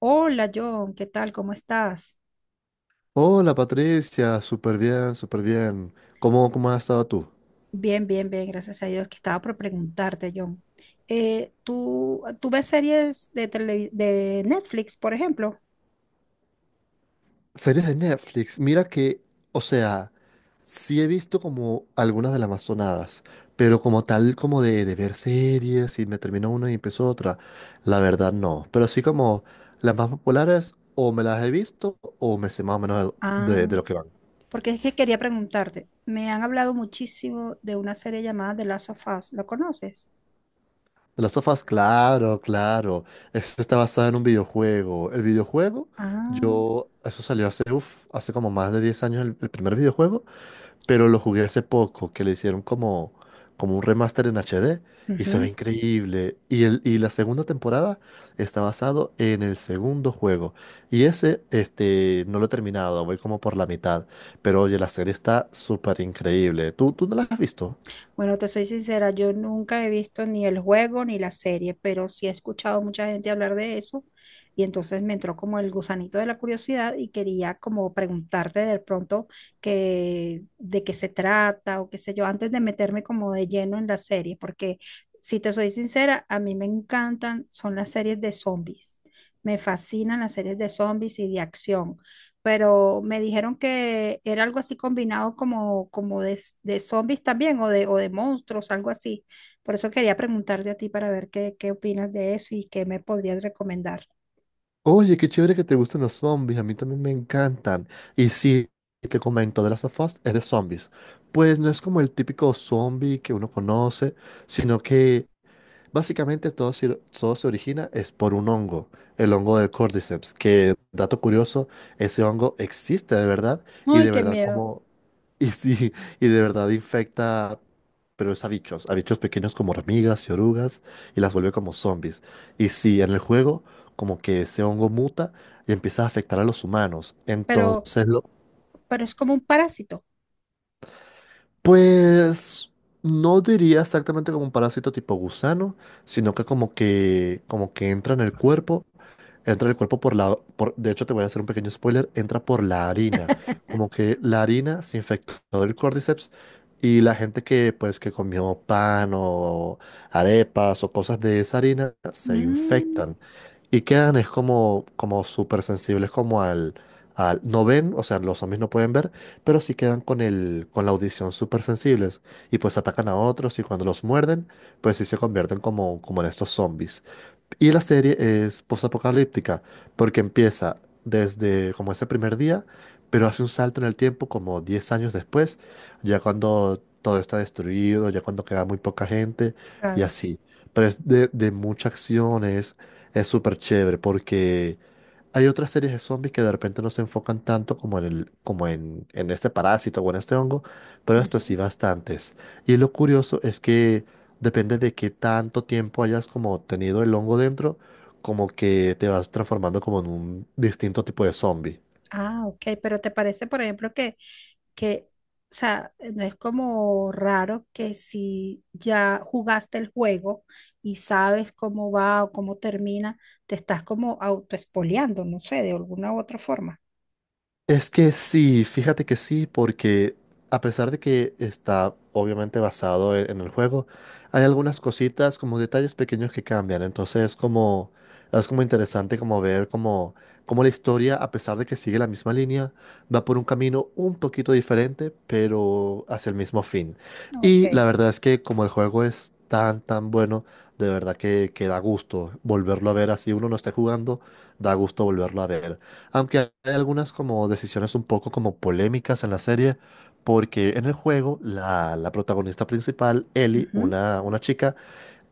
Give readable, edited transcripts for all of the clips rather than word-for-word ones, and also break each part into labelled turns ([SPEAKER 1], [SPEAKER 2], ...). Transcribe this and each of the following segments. [SPEAKER 1] Hola John, ¿qué tal? ¿Cómo estás?
[SPEAKER 2] Hola Patricia, súper bien, súper bien. ¿Cómo has estado tú?
[SPEAKER 1] Bien, bien, bien, gracias a Dios que estaba por preguntarte, John. ¿Tú ves series de, tele- de Netflix, por ejemplo?
[SPEAKER 2] Series de Netflix, mira que, o sea, sí he visto como algunas de las más sonadas, pero como tal, como de ver series y me terminó una y empezó otra, la verdad no. Pero sí como las más populares o me las he visto o me sé más o menos de
[SPEAKER 1] Ah,
[SPEAKER 2] lo que van.
[SPEAKER 1] porque es que quería preguntarte. Me han hablado muchísimo de una serie llamada The Last of Us. ¿Lo conoces?
[SPEAKER 2] De Las sofás, claro, claro. Este está basado en un videojuego. El videojuego,
[SPEAKER 1] Ah,
[SPEAKER 2] yo, eso salió hace, hace como más de 10 años el primer videojuego, pero lo jugué hace poco, que le hicieron como, como un remaster en HD y se ve
[SPEAKER 1] ujú.
[SPEAKER 2] increíble. Y, el, y la segunda temporada está basado en el segundo juego. Y ese, este, no lo he terminado, voy como por la mitad. Pero oye, la serie está súper increíble. ¿Tú no la has visto?
[SPEAKER 1] Bueno, te soy sincera, yo nunca he visto ni el juego ni la serie, pero sí he escuchado mucha gente hablar de eso y entonces me entró como el gusanito de la curiosidad y quería como preguntarte de pronto que, de qué se trata o qué sé yo, antes de meterme como de lleno en la serie, porque si te soy sincera, a mí me encantan, son las series de zombies. Me fascinan las series de zombies y de acción, pero me dijeron que era algo así combinado como, como de zombies también o de monstruos, algo así. Por eso quería preguntarte a ti para ver qué, qué opinas de eso y qué me podrías recomendar.
[SPEAKER 2] Oye, qué chévere que te gusten los zombies, a mí también me encantan. Y sí, te comento, The Last of Us es de zombies. Pues no es como el típico zombie que uno conoce, sino que básicamente todo se origina es por un hongo, el hongo del Cordyceps, que, dato curioso, ese hongo existe de verdad y
[SPEAKER 1] Ay,
[SPEAKER 2] de
[SPEAKER 1] qué
[SPEAKER 2] verdad
[SPEAKER 1] miedo,
[SPEAKER 2] como Y sí, y de verdad infecta, pero es a bichos pequeños como hormigas y orugas, y las vuelve como zombies. Y sí, en el juego, como que ese hongo muta y empieza a afectar a los humanos.
[SPEAKER 1] pero,
[SPEAKER 2] Entonces, lo,
[SPEAKER 1] pero es como un parásito.
[SPEAKER 2] pues, no diría exactamente como un parásito tipo gusano, sino que como que entra en el cuerpo. Entra el cuerpo por la... por- de hecho, te voy a hacer un pequeño spoiler. Entra por la harina. Como que la harina se infectó del Cordyceps y la gente que, pues, que comió pan o arepas o cosas de esa harina se
[SPEAKER 1] Mm,
[SPEAKER 2] infectan. Y quedan es como, como súper sensibles como al... No ven, o sea, los zombies no pueden ver, pero sí quedan con con la audición súper sensibles. Y pues atacan a otros y cuando los muerden, pues sí se convierten como, como en estos zombies. Y la serie es postapocalíptica, porque empieza desde como ese primer día, pero hace un salto en el tiempo como 10 años después, ya cuando todo está destruido, ya cuando queda muy poca gente y
[SPEAKER 1] claro.
[SPEAKER 2] así. Pero es de mucha acción, es súper chévere porque hay otras series de zombies que de repente no se enfocan tanto como en el, en este parásito o en este hongo, pero esto sí
[SPEAKER 1] Ujú.
[SPEAKER 2] bastantes. Y lo curioso es que depende de qué tanto tiempo hayas como tenido el hongo dentro, como que te vas transformando como en un distinto tipo de zombie.
[SPEAKER 1] Ah, ok, pero ¿te parece, por ejemplo, que, o sea, no es como raro que si ya jugaste el juego y sabes cómo va o cómo termina, te estás como autoespoleando, no sé, de alguna u otra forma?
[SPEAKER 2] Es que sí, fíjate que sí, porque a pesar de que está obviamente basado en el juego, hay algunas cositas como detalles pequeños que cambian. Entonces es como interesante como como la historia, a pesar de que sigue la misma línea, va por un camino un poquito diferente, pero hacia el mismo fin.
[SPEAKER 1] Ok.
[SPEAKER 2] Y la verdad es que como el juego es tan, tan bueno, de verdad que da gusto volverlo a ver así uno no esté jugando, da gusto volverlo a ver. Aunque hay algunas como decisiones un poco como polémicas en la serie, porque en el juego la protagonista principal, Ellie,
[SPEAKER 1] Ujú.
[SPEAKER 2] una chica,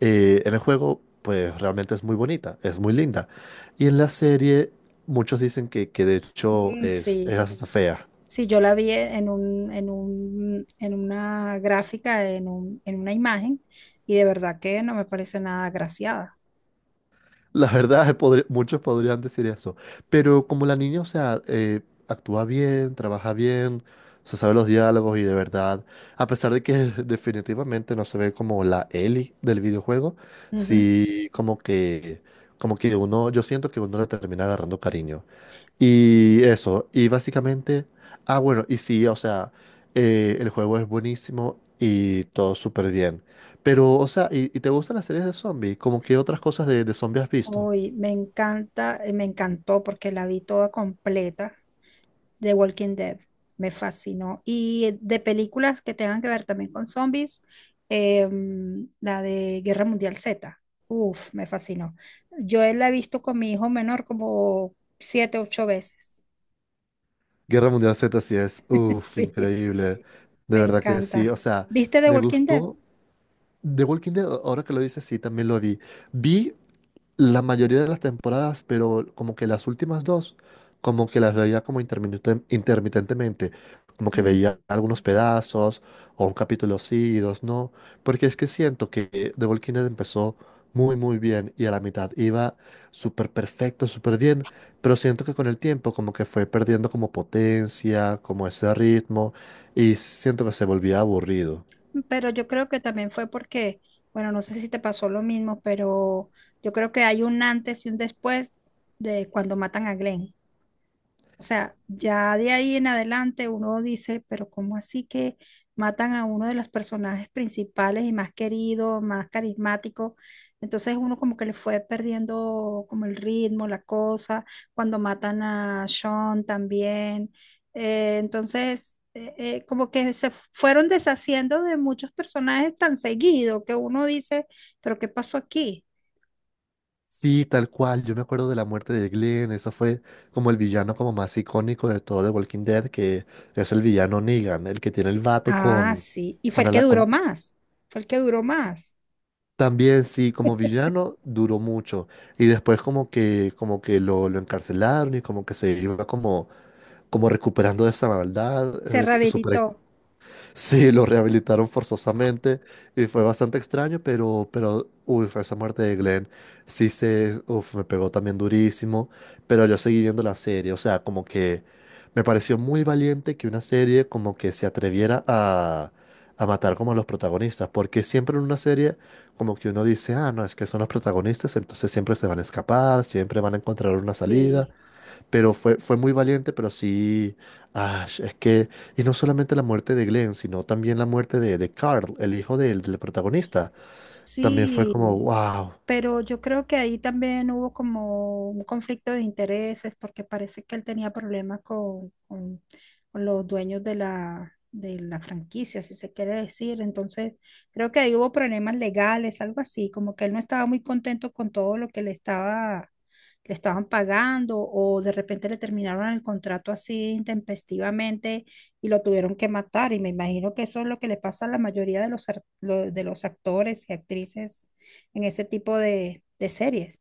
[SPEAKER 2] en el juego pues realmente es muy bonita, es muy linda. Y en la serie muchos dicen que de hecho
[SPEAKER 1] Mm,
[SPEAKER 2] es
[SPEAKER 1] sí,
[SPEAKER 2] hasta fea.
[SPEAKER 1] sí, yo la vi en una gráfica, en una imagen, y de verdad que no me parece nada agraciada.
[SPEAKER 2] La verdad, muchos podrían decir eso. Pero como la niña, actúa bien, trabaja bien, se sabe los diálogos y de verdad, a pesar de que definitivamente no se ve como la Ellie del videojuego, sí como que uno, yo siento que uno le termina agarrando cariño. Y eso, y básicamente, bueno, y sí, el juego es buenísimo y todo súper bien. Pero, o sea, ¿y te gustan las series de zombies? ¿Como que otras cosas de zombies has visto?
[SPEAKER 1] Uy, me encanta, me encantó porque la vi toda completa de Walking Dead. Me fascinó. Y de películas que tengan que ver también con zombies, la de Guerra Mundial Z. Uf, me fascinó. Yo la he visto con mi hijo menor como siete, ocho veces.
[SPEAKER 2] Guerra Mundial Z sí es, uff,
[SPEAKER 1] Sí,
[SPEAKER 2] increíble. De
[SPEAKER 1] me
[SPEAKER 2] verdad que sí, o
[SPEAKER 1] encanta.
[SPEAKER 2] sea,
[SPEAKER 1] ¿Viste The
[SPEAKER 2] me
[SPEAKER 1] Walking Dead?
[SPEAKER 2] gustó. The Walking Dead, ahora que lo dices, sí, también lo vi. Vi la mayoría de las temporadas, pero como que las últimas dos, como que las veía como intermitentemente, como que
[SPEAKER 1] Mm.
[SPEAKER 2] veía algunos pedazos, o un capítulo sí y dos no, porque es que siento que The Walking Dead empezó muy muy bien y a la mitad iba súper perfecto, súper bien, pero siento que con el tiempo como que fue perdiendo como potencia, como ese ritmo, y siento que se volvía aburrido.
[SPEAKER 1] Pero yo creo que también fue porque, bueno, no sé si te pasó lo mismo, pero yo creo que hay un antes y un después de cuando matan a Glenn. O sea, ya de ahí en adelante uno dice, pero ¿cómo así que matan a uno de los personajes principales y más querido, más carismático? Entonces uno como que le fue perdiendo como el ritmo, la cosa, cuando matan a Sean también. Entonces, como que se fueron deshaciendo de muchos personajes tan seguido que uno dice, pero ¿qué pasó aquí?
[SPEAKER 2] Sí, tal cual. Yo me acuerdo de la muerte de Glenn. Eso fue como el villano como más icónico de todo The Walking Dead, que es el villano Negan, el que tiene el bate
[SPEAKER 1] Ah,
[SPEAKER 2] con,
[SPEAKER 1] sí, y fue
[SPEAKER 2] con,
[SPEAKER 1] el que
[SPEAKER 2] ala-
[SPEAKER 1] duró
[SPEAKER 2] con-
[SPEAKER 1] más, fue el que duró más,
[SPEAKER 2] También sí, como villano duró mucho. Y después como que lo encarcelaron y como que se iba como, como recuperando de esa maldad,
[SPEAKER 1] se
[SPEAKER 2] super.
[SPEAKER 1] rehabilitó.
[SPEAKER 2] Sí, lo rehabilitaron forzosamente y fue bastante extraño, pero, uy, fue esa muerte de Glenn. Sí se, uf, me pegó también durísimo, pero yo seguí viendo la serie, o sea, como que me pareció muy valiente que una serie como que se atreviera a matar como a los protagonistas, porque siempre en una serie como que uno dice, ah, no, es que son los protagonistas, entonces siempre se van a escapar, siempre van a encontrar una salida,
[SPEAKER 1] Sí,
[SPEAKER 2] pero fue, fue muy valiente, pero sí, ah, es que, y no solamente la muerte de Glenn, sino también la muerte de Carl, el hijo del protagonista. También fue
[SPEAKER 1] sí,
[SPEAKER 2] como, wow.
[SPEAKER 1] pero yo creo que ahí también hubo como un conflicto de intereses porque parece que él tenía problemas con los dueños de la franquicia, si se quiere decir. Entonces, creo que ahí hubo problemas legales, algo así, como que él no estaba muy contento con todo lo que le estaba, le estaban pagando o de repente le terminaron el contrato así intempestivamente y lo tuvieron que matar. Y me imagino que eso es lo que le pasa a la mayoría de los actores y actrices en ese tipo de series.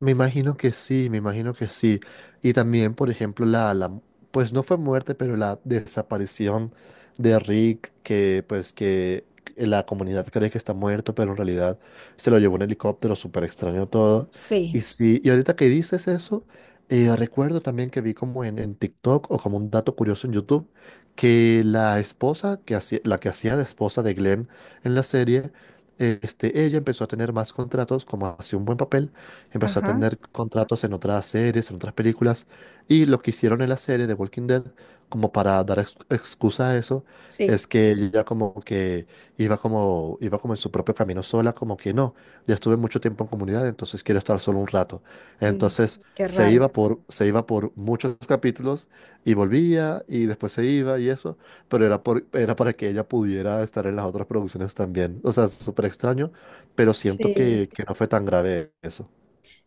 [SPEAKER 2] Me imagino que sí, me imagino que sí. Y también, por ejemplo, pues no fue muerte, pero la desaparición de Rick, que pues que la comunidad cree que está muerto, pero en realidad se lo llevó un helicóptero, súper extraño todo.
[SPEAKER 1] Sí,
[SPEAKER 2] Y sí, y ahorita que dices eso, recuerdo también que vi como en TikTok o como un dato curioso en YouTube, que la esposa, que hacía, la que hacía de esposa de Glenn en la serie, este, ella empezó a tener más contratos como hacía un buen papel, empezó a
[SPEAKER 1] ajá,
[SPEAKER 2] tener contratos en otras series, en otras películas, y lo que hicieron en la serie de Walking Dead, como para dar excusa a eso,
[SPEAKER 1] sí,
[SPEAKER 2] es que ella como que iba como en su propio camino sola, como que no, ya estuve mucho tiempo en comunidad, entonces quiero estar solo un rato.
[SPEAKER 1] mm,
[SPEAKER 2] Entonces
[SPEAKER 1] qué raro.
[SPEAKER 2] se iba por muchos capítulos y volvía y después se iba y eso, pero era, por, era para que ella pudiera estar en las otras producciones también. O sea, súper extraño, pero siento
[SPEAKER 1] Sí,
[SPEAKER 2] que no fue tan grave eso.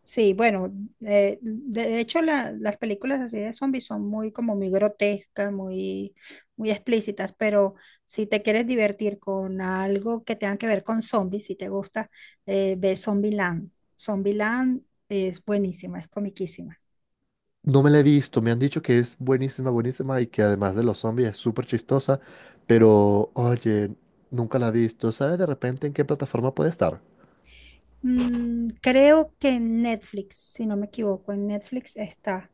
[SPEAKER 1] sí, bueno, de hecho la- las películas así de zombies son muy como muy grotescas, muy, muy explícitas, pero si te quieres divertir con algo que tenga que ver con zombies, si te gusta, ve Zombieland. Zombieland es buenísima, es comiquísima.
[SPEAKER 2] No me la he visto, me han dicho que es buenísima, buenísima y que además de los zombies es súper chistosa, pero oye, nunca la he visto. ¿Sabes de repente en qué plataforma puede estar?
[SPEAKER 1] Mm, creo que en Netflix, si no me equivoco, en Netflix está.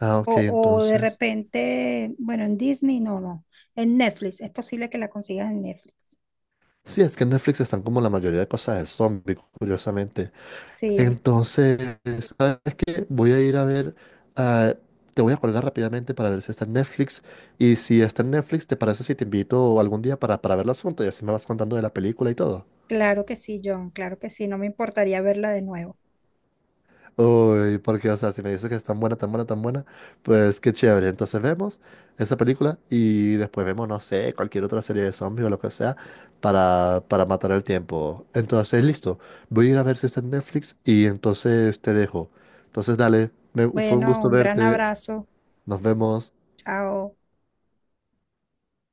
[SPEAKER 2] Ah,
[SPEAKER 1] O,
[SPEAKER 2] ok,
[SPEAKER 1] o de
[SPEAKER 2] entonces.
[SPEAKER 1] repente, bueno, en Disney, no, no, en Netflix, es posible que la consigas en Netflix.
[SPEAKER 2] Sí, es que en Netflix están como la mayoría de cosas de zombies, curiosamente.
[SPEAKER 1] Sí,
[SPEAKER 2] Entonces, ¿sabes qué? Voy a ir a ver, ah, te voy a colgar rápidamente para ver si está en Netflix y si está en Netflix, ¿te parece si te invito algún día para verla juntos y así me vas contando de la película y todo?
[SPEAKER 1] claro que sí, John, claro que sí, no me importaría verla de nuevo.
[SPEAKER 2] Uy, porque, o sea, si me dices que es tan buena, tan buena, tan buena, pues qué chévere. Entonces vemos esa película y después vemos, no sé, cualquier otra serie de zombies o lo que sea para matar el tiempo. Entonces, listo, voy a ir a ver si está en Netflix y entonces te dejo. Entonces, dale, fue un
[SPEAKER 1] Bueno,
[SPEAKER 2] gusto
[SPEAKER 1] un gran
[SPEAKER 2] verte,
[SPEAKER 1] abrazo,
[SPEAKER 2] nos vemos.
[SPEAKER 1] chao.